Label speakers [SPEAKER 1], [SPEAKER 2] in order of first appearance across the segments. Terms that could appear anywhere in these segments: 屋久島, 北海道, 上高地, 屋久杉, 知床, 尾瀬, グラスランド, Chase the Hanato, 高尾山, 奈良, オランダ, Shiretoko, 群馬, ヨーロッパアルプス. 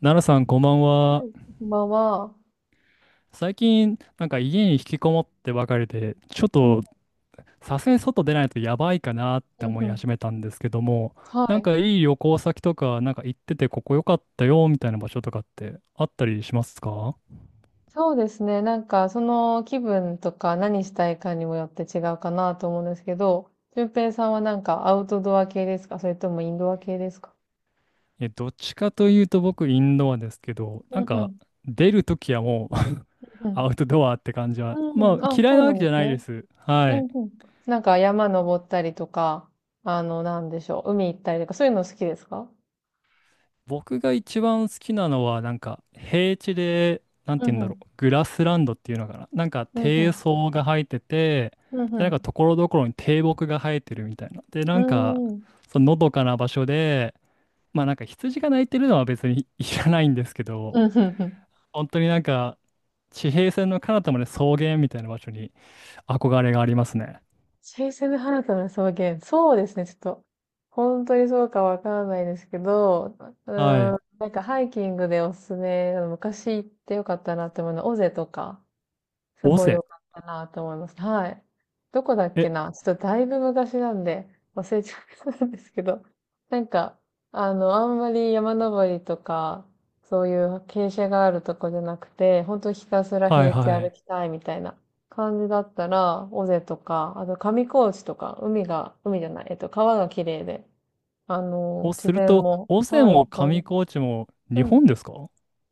[SPEAKER 1] 奈良さん、こんばんは。
[SPEAKER 2] こんばんは。
[SPEAKER 1] 最近、家に引きこもってばかりで、ちょっ
[SPEAKER 2] うん
[SPEAKER 1] と、さすがに外出ないとやばいかなって
[SPEAKER 2] うん
[SPEAKER 1] 思
[SPEAKER 2] う
[SPEAKER 1] い
[SPEAKER 2] ん。
[SPEAKER 1] 始めたんですけども、
[SPEAKER 2] はい。
[SPEAKER 1] いい旅行先とか、行ってて、ここ良かったよ、みたいな場所とかってあったりしますか？
[SPEAKER 2] そうですね。その気分とか何したいかにもよって違うかなと思うんですけど、俊平さんはなんかアウトドア系ですか、それともインドア系ですか？
[SPEAKER 1] え、どっちかというと僕、インドアですけど、
[SPEAKER 2] うんうん。
[SPEAKER 1] 出るときはもう
[SPEAKER 2] うん。
[SPEAKER 1] アウトドアって感じは、ま
[SPEAKER 2] う
[SPEAKER 1] あ、
[SPEAKER 2] ん。あ、
[SPEAKER 1] 嫌い
[SPEAKER 2] そう
[SPEAKER 1] なわ
[SPEAKER 2] な
[SPEAKER 1] け
[SPEAKER 2] んで
[SPEAKER 1] じゃ
[SPEAKER 2] す
[SPEAKER 1] ないで
[SPEAKER 2] ね。
[SPEAKER 1] す。は
[SPEAKER 2] うん
[SPEAKER 1] い。
[SPEAKER 2] うん。なんか山登ったりとか、なんでしょう。海行ったりとか、そういうの好きですか？
[SPEAKER 1] 僕が一番好きなのは、なんか平地で、なん
[SPEAKER 2] う
[SPEAKER 1] て
[SPEAKER 2] ん
[SPEAKER 1] 言うん
[SPEAKER 2] う
[SPEAKER 1] だろ
[SPEAKER 2] ん。
[SPEAKER 1] う、グラスランドっていうのかな。なんか
[SPEAKER 2] うんう
[SPEAKER 1] 低
[SPEAKER 2] ん。
[SPEAKER 1] 層が生えてて、
[SPEAKER 2] う
[SPEAKER 1] で、
[SPEAKER 2] ん
[SPEAKER 1] ところどころに低木が生えてるみたいな。で、
[SPEAKER 2] うん。うーん。
[SPEAKER 1] そののどかな場所で、まあなんか羊が鳴いてるのは別にいらないんですけど、
[SPEAKER 2] うんうんうん。
[SPEAKER 1] 本当に地平線の彼方まで草原みたいな場所に憧れがありますね。
[SPEAKER 2] チェイス・ザ・ハナトの草原。そうですね。ちょっと、本当にそうかわからないですけど、う
[SPEAKER 1] は
[SPEAKER 2] ー
[SPEAKER 1] い。
[SPEAKER 2] ん、なんかハイキングでおすすめ、昔行ってよかったなって思うのは、尾瀬とか、す
[SPEAKER 1] 尾
[SPEAKER 2] ごい
[SPEAKER 1] 瀬。
[SPEAKER 2] 良かったなと思います。はい。どこだっけ
[SPEAKER 1] え、
[SPEAKER 2] な、ちょっとだいぶ昔なんで忘れちゃったんですけど、なんか、あんまり山登りとか、そういう傾斜があるとこじゃなくて、本当ひたすら
[SPEAKER 1] はい
[SPEAKER 2] 平地
[SPEAKER 1] は
[SPEAKER 2] 歩
[SPEAKER 1] い。
[SPEAKER 2] きたいみたいな感じだったら、尾瀬とか、あと上高地とか、海が、海じゃない、川が綺麗で、あの、
[SPEAKER 1] を
[SPEAKER 2] 自
[SPEAKER 1] する
[SPEAKER 2] 然
[SPEAKER 1] と、
[SPEAKER 2] も、
[SPEAKER 1] 尾瀬
[SPEAKER 2] はい、い
[SPEAKER 1] も
[SPEAKER 2] っぱいで
[SPEAKER 1] 上
[SPEAKER 2] す。
[SPEAKER 1] 高地も
[SPEAKER 2] う
[SPEAKER 1] 日
[SPEAKER 2] ん。
[SPEAKER 1] 本ですか？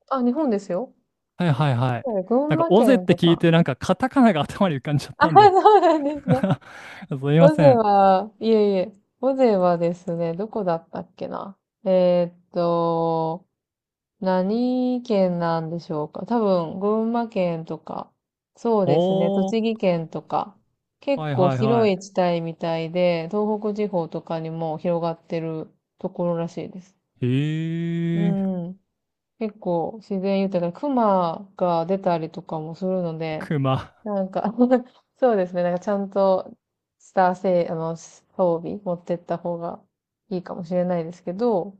[SPEAKER 2] あ、日本ですよ。
[SPEAKER 1] はいはいはい。
[SPEAKER 2] 群
[SPEAKER 1] なんか、
[SPEAKER 2] 馬
[SPEAKER 1] オゼっ
[SPEAKER 2] 県
[SPEAKER 1] て
[SPEAKER 2] と
[SPEAKER 1] 聞い
[SPEAKER 2] か。
[SPEAKER 1] て、なんか、カタカナが 頭に浮かんじゃっ
[SPEAKER 2] あ、
[SPEAKER 1] たんで
[SPEAKER 2] そうなんですか？
[SPEAKER 1] すいま
[SPEAKER 2] 尾
[SPEAKER 1] せ
[SPEAKER 2] 瀬
[SPEAKER 1] ん。
[SPEAKER 2] は、いえいえ、尾瀬はですね、どこだったっけな。えーっと、何県なんでしょうか。多分、群馬県とか、そうですね、
[SPEAKER 1] おー、
[SPEAKER 2] 栃木県とか、結
[SPEAKER 1] はい
[SPEAKER 2] 構
[SPEAKER 1] はい
[SPEAKER 2] 広
[SPEAKER 1] は
[SPEAKER 2] い地帯みたいで、東北地方とかにも広がってるところらしいです。
[SPEAKER 1] い。
[SPEAKER 2] う
[SPEAKER 1] へえ、
[SPEAKER 2] ん、結構自然豊かで、熊が出たりとかもするの で、
[SPEAKER 1] 熊。
[SPEAKER 2] なんか そうですね。なんかちゃんとスター性、装備持ってった方がいいかもしれないですけど、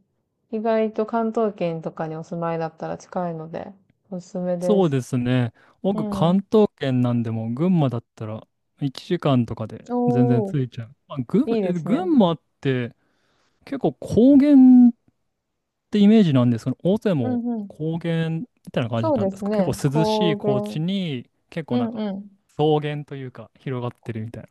[SPEAKER 2] 意外と関東圏とかにお住まいだったら近いので、おすすめで
[SPEAKER 1] そう
[SPEAKER 2] す。
[SPEAKER 1] ですね。
[SPEAKER 2] う
[SPEAKER 1] 僕、
[SPEAKER 2] ん。
[SPEAKER 1] 関東圏なんでも、群馬だったら、1時間とかで全然
[SPEAKER 2] おー、
[SPEAKER 1] 着いちゃう。まあ、群馬、
[SPEAKER 2] いいで
[SPEAKER 1] え
[SPEAKER 2] す
[SPEAKER 1] 群
[SPEAKER 2] ね。
[SPEAKER 1] 馬って、結構高原ってイメージなんですけど、大勢
[SPEAKER 2] う
[SPEAKER 1] も
[SPEAKER 2] んうん。
[SPEAKER 1] 高原みたいな感じ
[SPEAKER 2] そう
[SPEAKER 1] なん
[SPEAKER 2] で
[SPEAKER 1] で
[SPEAKER 2] す
[SPEAKER 1] すか？結
[SPEAKER 2] ね。
[SPEAKER 1] 構涼しい
[SPEAKER 2] 高
[SPEAKER 1] 高
[SPEAKER 2] 原。
[SPEAKER 1] 地に、結
[SPEAKER 2] う
[SPEAKER 1] 構なん
[SPEAKER 2] ん
[SPEAKER 1] か、
[SPEAKER 2] うん。
[SPEAKER 1] 草原というか、広がってるみたいな。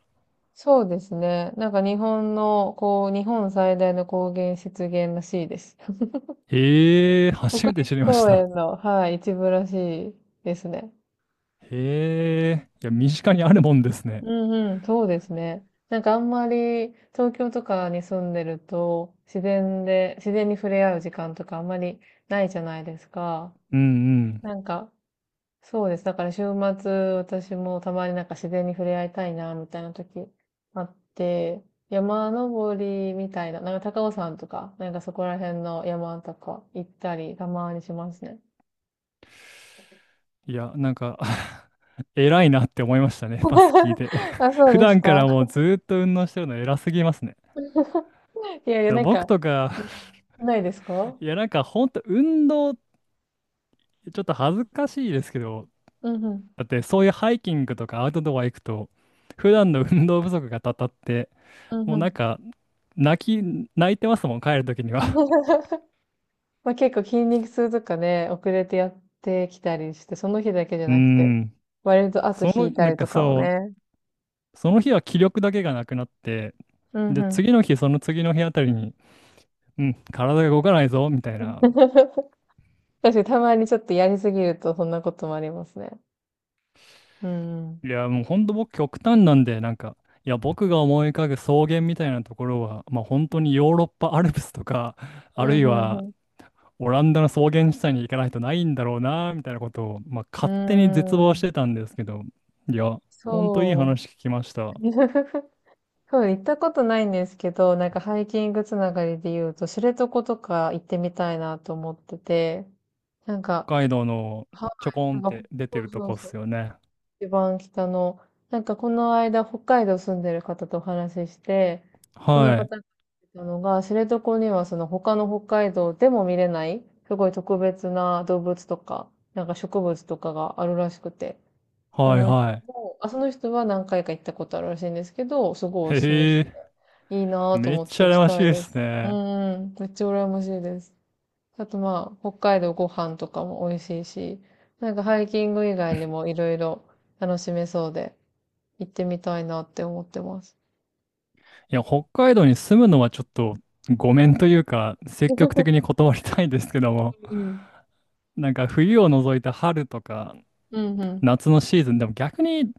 [SPEAKER 2] そうですね。なんか日本の、こう、日本最大の高原湿原らしいです。
[SPEAKER 1] へえ、
[SPEAKER 2] 国
[SPEAKER 1] 初めて
[SPEAKER 2] 立
[SPEAKER 1] 知りまし
[SPEAKER 2] 公
[SPEAKER 1] た。
[SPEAKER 2] 園の、はい、一部らしいですね。
[SPEAKER 1] へえ、いや、身近にあるもんですね。
[SPEAKER 2] うんうん、そうですね。なんかあんまり東京とかに住んでると自然で、自然に触れ合う時間とかあんまりないじゃないですか。
[SPEAKER 1] うんうん。
[SPEAKER 2] なんか、そうです。だから週末私もたまになんか自然に触れ合いたいな、みたいな時あって、山登りみたいな、なんか高尾山とか、なんかそこら辺の山とか行ったりたまにしますね。
[SPEAKER 1] いや、なんか 偉いなって思いましたね、パス聞いて。
[SPEAKER 2] あ、そ
[SPEAKER 1] 普
[SPEAKER 2] うです
[SPEAKER 1] 段か
[SPEAKER 2] か。
[SPEAKER 1] らもうずーっと運動してるの偉すぎますね。だか
[SPEAKER 2] いやいや、
[SPEAKER 1] ら
[SPEAKER 2] なん
[SPEAKER 1] 僕
[SPEAKER 2] か、
[SPEAKER 1] とか、
[SPEAKER 2] ないですか？
[SPEAKER 1] いや、なんかほんと運動、ちょっと恥ずかしいですけど、
[SPEAKER 2] うんうん。
[SPEAKER 1] だってそういうハイキングとかアウトドア行くと、普段の運動不足がたたって、
[SPEAKER 2] うん
[SPEAKER 1] もう
[SPEAKER 2] う
[SPEAKER 1] な
[SPEAKER 2] ん。
[SPEAKER 1] んか、泣いてますもん、帰るときには。
[SPEAKER 2] ま、結構筋肉痛とかね、遅れてやってきたりして、その日だけじ ゃ
[SPEAKER 1] うー
[SPEAKER 2] なくて、
[SPEAKER 1] ん。
[SPEAKER 2] 割と後
[SPEAKER 1] そ
[SPEAKER 2] 引
[SPEAKER 1] の、
[SPEAKER 2] いたりとかもね。
[SPEAKER 1] その日は気力だけがなくなって、
[SPEAKER 2] うん
[SPEAKER 1] で、
[SPEAKER 2] うん。
[SPEAKER 1] 次の日、その次の日あたりに、うん、体が動かないぞ、みたい な。
[SPEAKER 2] 確かにたまにちょっとやりすぎるとそんなこともありますね。うんうん。
[SPEAKER 1] いや、もうほんと僕極端なんで、いや、僕が思い浮かぶ草原みたいなところは、まあ本当にヨーロッパアルプスとか、ある
[SPEAKER 2] う
[SPEAKER 1] い
[SPEAKER 2] ん、
[SPEAKER 1] は
[SPEAKER 2] ん
[SPEAKER 1] オランダの草原地帯に行かないとないんだろうな、みたいなことを、まあ
[SPEAKER 2] うー
[SPEAKER 1] 勝手に絶望し
[SPEAKER 2] ん。
[SPEAKER 1] てたんですけど、いや、ほんといい
[SPEAKER 2] そ
[SPEAKER 1] 話聞きまし
[SPEAKER 2] う。
[SPEAKER 1] た。
[SPEAKER 2] そう、行ったことないんですけど、なんかハイキングつながりで言うと、知床とか行ってみたいなと思ってて、なんか、
[SPEAKER 1] 北海道の
[SPEAKER 2] は
[SPEAKER 1] ちょこ
[SPEAKER 2] い。
[SPEAKER 1] ん
[SPEAKER 2] なん
[SPEAKER 1] っ
[SPEAKER 2] か、
[SPEAKER 1] て出
[SPEAKER 2] そ
[SPEAKER 1] て
[SPEAKER 2] う
[SPEAKER 1] ると
[SPEAKER 2] そう
[SPEAKER 1] こっ
[SPEAKER 2] そう。
[SPEAKER 1] すよね。
[SPEAKER 2] 一番北の、なんかこの間北海道住んでる方とお話しして、その
[SPEAKER 1] は
[SPEAKER 2] 方が
[SPEAKER 1] い。
[SPEAKER 2] 言ってたのが、知床にはその他の北海道でも見れない、すごい特別な動物とか、なんか植物とかがあるらしくて、そ
[SPEAKER 1] はい
[SPEAKER 2] の人
[SPEAKER 1] はい。
[SPEAKER 2] も、あ、その人は何回か行ったことあるらしいんですけど、すごいお
[SPEAKER 1] へ
[SPEAKER 2] すすめしてて、
[SPEAKER 1] え。
[SPEAKER 2] いいなぁと
[SPEAKER 1] めっ
[SPEAKER 2] 思っ
[SPEAKER 1] ち
[SPEAKER 2] て
[SPEAKER 1] ゃ
[SPEAKER 2] 行き
[SPEAKER 1] 羨まし
[SPEAKER 2] た
[SPEAKER 1] い
[SPEAKER 2] い
[SPEAKER 1] で
[SPEAKER 2] で
[SPEAKER 1] す
[SPEAKER 2] す。う
[SPEAKER 1] ね。
[SPEAKER 2] んうん、めっちゃ羨ましいです。あとまあ、北海道ご飯とかも美味しいし、なんかハイキング以外にもいろいろ楽しめそうで、行ってみたいなって思ってます。
[SPEAKER 1] いや、北海道に住むのはちょっとごめんというか、積極 的に断りたいんですけども、
[SPEAKER 2] うん。
[SPEAKER 1] なんか冬を除いた春とか
[SPEAKER 2] うん、うん。
[SPEAKER 1] 夏のシーズン、でも逆に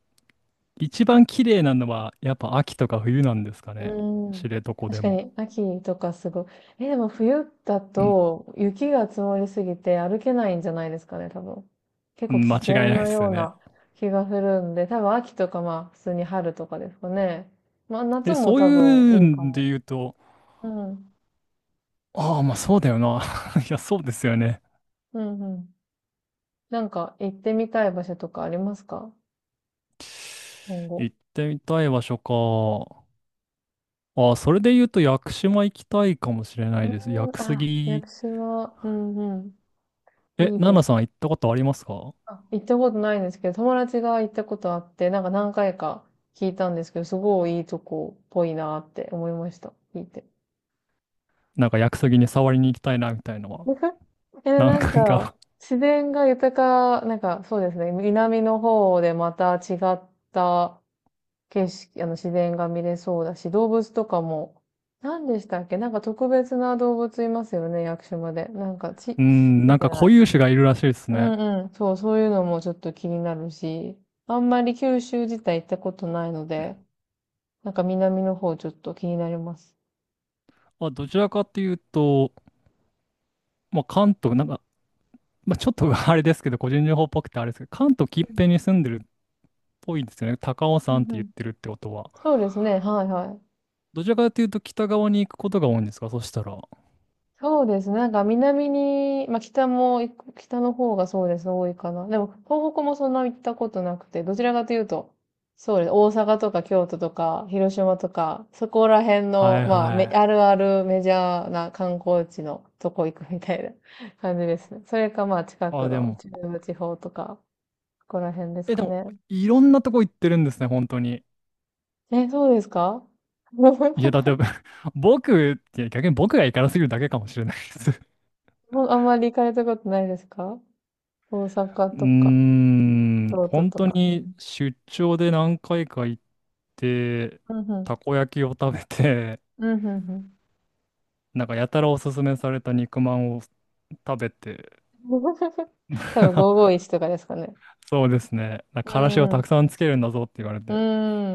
[SPEAKER 1] 一番綺麗なのはやっぱ秋とか冬なんですか
[SPEAKER 2] う
[SPEAKER 1] ね。知
[SPEAKER 2] ん。
[SPEAKER 1] 床
[SPEAKER 2] 確
[SPEAKER 1] で
[SPEAKER 2] か
[SPEAKER 1] も。
[SPEAKER 2] に、秋とかすごい。え、でも冬だ
[SPEAKER 1] うん、
[SPEAKER 2] と雪が積もりすぎて歩けないんじゃないですかね、多分。結構危
[SPEAKER 1] 間違い
[SPEAKER 2] 険
[SPEAKER 1] ないで
[SPEAKER 2] な
[SPEAKER 1] す
[SPEAKER 2] よ
[SPEAKER 1] よ
[SPEAKER 2] う
[SPEAKER 1] ね。
[SPEAKER 2] な気がするんで、多分秋とかまあ、普通に春とかですかね。まあ、夏
[SPEAKER 1] え、
[SPEAKER 2] も
[SPEAKER 1] そう
[SPEAKER 2] 多分
[SPEAKER 1] いう
[SPEAKER 2] いいか
[SPEAKER 1] んで
[SPEAKER 2] も。
[SPEAKER 1] 言うと、
[SPEAKER 2] うん。
[SPEAKER 1] ああ、まあそうだよな。いや、そうですよね。
[SPEAKER 2] うん、うん。なんか行ってみたい場所とかありますか、今後？
[SPEAKER 1] 行ってみたい場所か。ああ、それで言うと屋久島行きたいかもしれな
[SPEAKER 2] う
[SPEAKER 1] い
[SPEAKER 2] ー
[SPEAKER 1] です。屋
[SPEAKER 2] ん、
[SPEAKER 1] 久
[SPEAKER 2] あ、屋
[SPEAKER 1] 杉。
[SPEAKER 2] 久島、うんうん。
[SPEAKER 1] え、
[SPEAKER 2] いい
[SPEAKER 1] ナ
[SPEAKER 2] で
[SPEAKER 1] ナ
[SPEAKER 2] す。
[SPEAKER 1] さん行ったことありますか？
[SPEAKER 2] あ、行ったことないんですけど、友達が行ったことあって、なんか何回か聞いたんですけど、すごいいいとこっぽいなって思いました。聞いて。
[SPEAKER 1] なんか屋久杉に触りに行きたいなみたいなのは。
[SPEAKER 2] え、
[SPEAKER 1] 何
[SPEAKER 2] なん
[SPEAKER 1] 回
[SPEAKER 2] か、
[SPEAKER 1] か
[SPEAKER 2] 自然が豊か、なんかそうですね、南の方でまた違った景色、あの、自然が見れそうだし、動物とかも、何でしたっけ、なんか特別な動物いますよね、屋久島で。なんか、ち、
[SPEAKER 1] うーん、
[SPEAKER 2] つい
[SPEAKER 1] なん
[SPEAKER 2] て
[SPEAKER 1] か固
[SPEAKER 2] ない。
[SPEAKER 1] 有種がいるらしいです
[SPEAKER 2] う
[SPEAKER 1] ね。
[SPEAKER 2] んうん。そう、そういうのもちょっと気になるし、あんまり九州自体行ったことないので、なんか南の方ちょっと気になります。
[SPEAKER 1] まあ、どちらかっていうと、まあ、関東、なんか、まあ、ちょっと あれですけど、個人情報っぽくてあれですけど、関東
[SPEAKER 2] う
[SPEAKER 1] 近
[SPEAKER 2] ん。
[SPEAKER 1] 辺に住んでるっぽいですよね。高尾
[SPEAKER 2] う
[SPEAKER 1] 山っ
[SPEAKER 2] んう
[SPEAKER 1] て言っ
[SPEAKER 2] ん。
[SPEAKER 1] てるってことは。
[SPEAKER 2] そうですね、はいはい。
[SPEAKER 1] どちらかというと北側に行くことが多いんですか、そしたら？
[SPEAKER 2] そうですね。なんか南に、まあ北も行く、北の方がそうです、多いかな。でも東北もそんな行ったことなくて、どちらかというと、そうです。大阪とか京都とか広島とか、そこら辺
[SPEAKER 1] は
[SPEAKER 2] の、
[SPEAKER 1] い
[SPEAKER 2] まあ、め、
[SPEAKER 1] はい。
[SPEAKER 2] あるあるメジャーな観光地のとこ行くみたいな 感じですね。それかまあ近く
[SPEAKER 1] あ、で
[SPEAKER 2] の
[SPEAKER 1] も、
[SPEAKER 2] 中部地方とか、ここら辺です
[SPEAKER 1] え、で
[SPEAKER 2] か
[SPEAKER 1] も、
[SPEAKER 2] ね。
[SPEAKER 1] いろんなとこ行ってるんですね、本当に。
[SPEAKER 2] え、そうですか？ も
[SPEAKER 1] いや、だって 僕って逆に僕が行からすぎるだけかもしれないです。
[SPEAKER 2] うあんまり行かれたことないですか？大阪
[SPEAKER 1] うー
[SPEAKER 2] とか、
[SPEAKER 1] ん、
[SPEAKER 2] 京都
[SPEAKER 1] 本
[SPEAKER 2] と
[SPEAKER 1] 当
[SPEAKER 2] か。
[SPEAKER 1] に出張で何回か行って、
[SPEAKER 2] うんうん。
[SPEAKER 1] たこ焼きを食べて、
[SPEAKER 2] うんうんうん。
[SPEAKER 1] なんかやたらおすすめされた肉まんを食べて、
[SPEAKER 2] 多分 551とかですかね。
[SPEAKER 1] そうですね、なん
[SPEAKER 2] う
[SPEAKER 1] かからしをた
[SPEAKER 2] ん。
[SPEAKER 1] くさんつけるんだぞって言われ
[SPEAKER 2] う
[SPEAKER 1] て、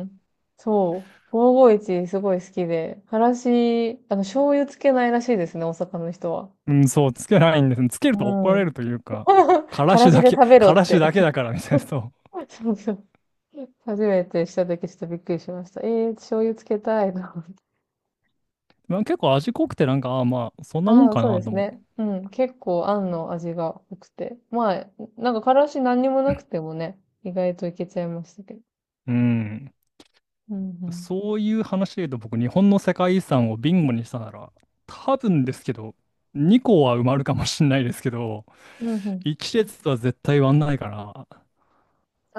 [SPEAKER 2] ん。そう。551すごい好きで。からし、醤油つけないらしいですね、大阪の人は。
[SPEAKER 1] うん、そう、つけないんです。つけると怒
[SPEAKER 2] う
[SPEAKER 1] られる
[SPEAKER 2] ん。
[SPEAKER 1] というか、から
[SPEAKER 2] から
[SPEAKER 1] し
[SPEAKER 2] し
[SPEAKER 1] だ
[SPEAKER 2] で
[SPEAKER 1] け、
[SPEAKER 2] 食べ ろ
[SPEAKER 1] か
[SPEAKER 2] っ
[SPEAKER 1] らし
[SPEAKER 2] て。
[SPEAKER 1] だけだからみたいな、そう。
[SPEAKER 2] そうそう。初めてしたときちょっとびっくりしました。えー、醤油つけたいな。
[SPEAKER 1] まあ、結構味濃くて、なんか、ああ、まあ、そんなもん
[SPEAKER 2] ああ、
[SPEAKER 1] か
[SPEAKER 2] そう
[SPEAKER 1] な
[SPEAKER 2] で
[SPEAKER 1] と
[SPEAKER 2] す
[SPEAKER 1] も。
[SPEAKER 2] ね。うん。結構、あんの味が濃くて。まあ、なんか、からし何にもなくてもね、意外といけちゃいましたけど。
[SPEAKER 1] うん。
[SPEAKER 2] うんうん。
[SPEAKER 1] そういう話で言うと僕、日本の世界遺産をビンゴにしたなら、多分ですけど、2個は埋まるかもしれないですけど、
[SPEAKER 2] うんうん。
[SPEAKER 1] 1列は絶対埋まんないから、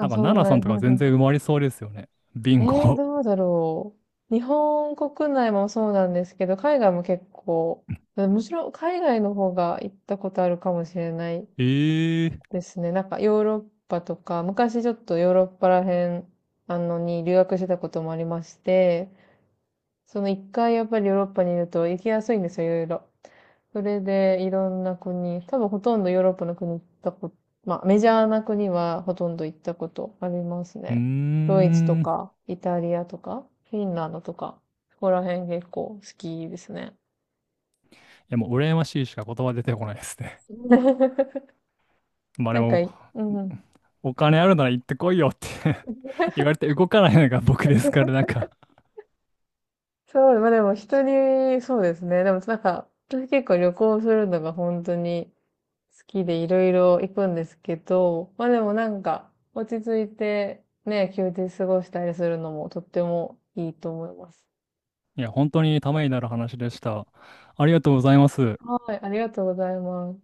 [SPEAKER 1] なんか
[SPEAKER 2] そう
[SPEAKER 1] 7さ
[SPEAKER 2] な
[SPEAKER 1] ん
[SPEAKER 2] ん、
[SPEAKER 1] と
[SPEAKER 2] う
[SPEAKER 1] か
[SPEAKER 2] んう
[SPEAKER 1] 全然
[SPEAKER 2] ん。
[SPEAKER 1] 埋まりそうですよね。ビ
[SPEAKER 2] え
[SPEAKER 1] ン
[SPEAKER 2] ー、
[SPEAKER 1] ゴ。
[SPEAKER 2] どうだろう。日本国内もそうなんですけど、海外も結構、むしろ海外の方が行ったことあるかもしれない
[SPEAKER 1] ええー。
[SPEAKER 2] ですね。なんかヨーロッパとか、昔ちょっとヨーロッパら辺、に留学してたこともありまして、その一回やっぱりヨーロッパにいると行きやすいんですよ、いろいろ。それでいろんな国、多分ほとんどヨーロッパの国行ったこと、まあメジャーな国はほとんど行ったことあります
[SPEAKER 1] うー
[SPEAKER 2] ね。ドイツと
[SPEAKER 1] ん。い
[SPEAKER 2] か、イタリアとか、フィンランドとか、そこら辺結構好きですね。
[SPEAKER 1] やもう羨ましいしか言葉出てこないですね。まあ
[SPEAKER 2] な
[SPEAKER 1] で
[SPEAKER 2] んか
[SPEAKER 1] も、
[SPEAKER 2] い、うんうん。
[SPEAKER 1] お金あるなら行ってこいよって 言われて動かないのが僕ですから、
[SPEAKER 2] そう、まあでも一人、そうですね。でもなんか、私結構旅行するのが本当に好きでいろいろ行くんですけど、まあでもなんか、落ち着いてね、休日過ごしたりするのもとってもいいと思います。
[SPEAKER 1] いや、本当にためになる話でした。ありがとうございます。
[SPEAKER 2] はい、ありがとうございます。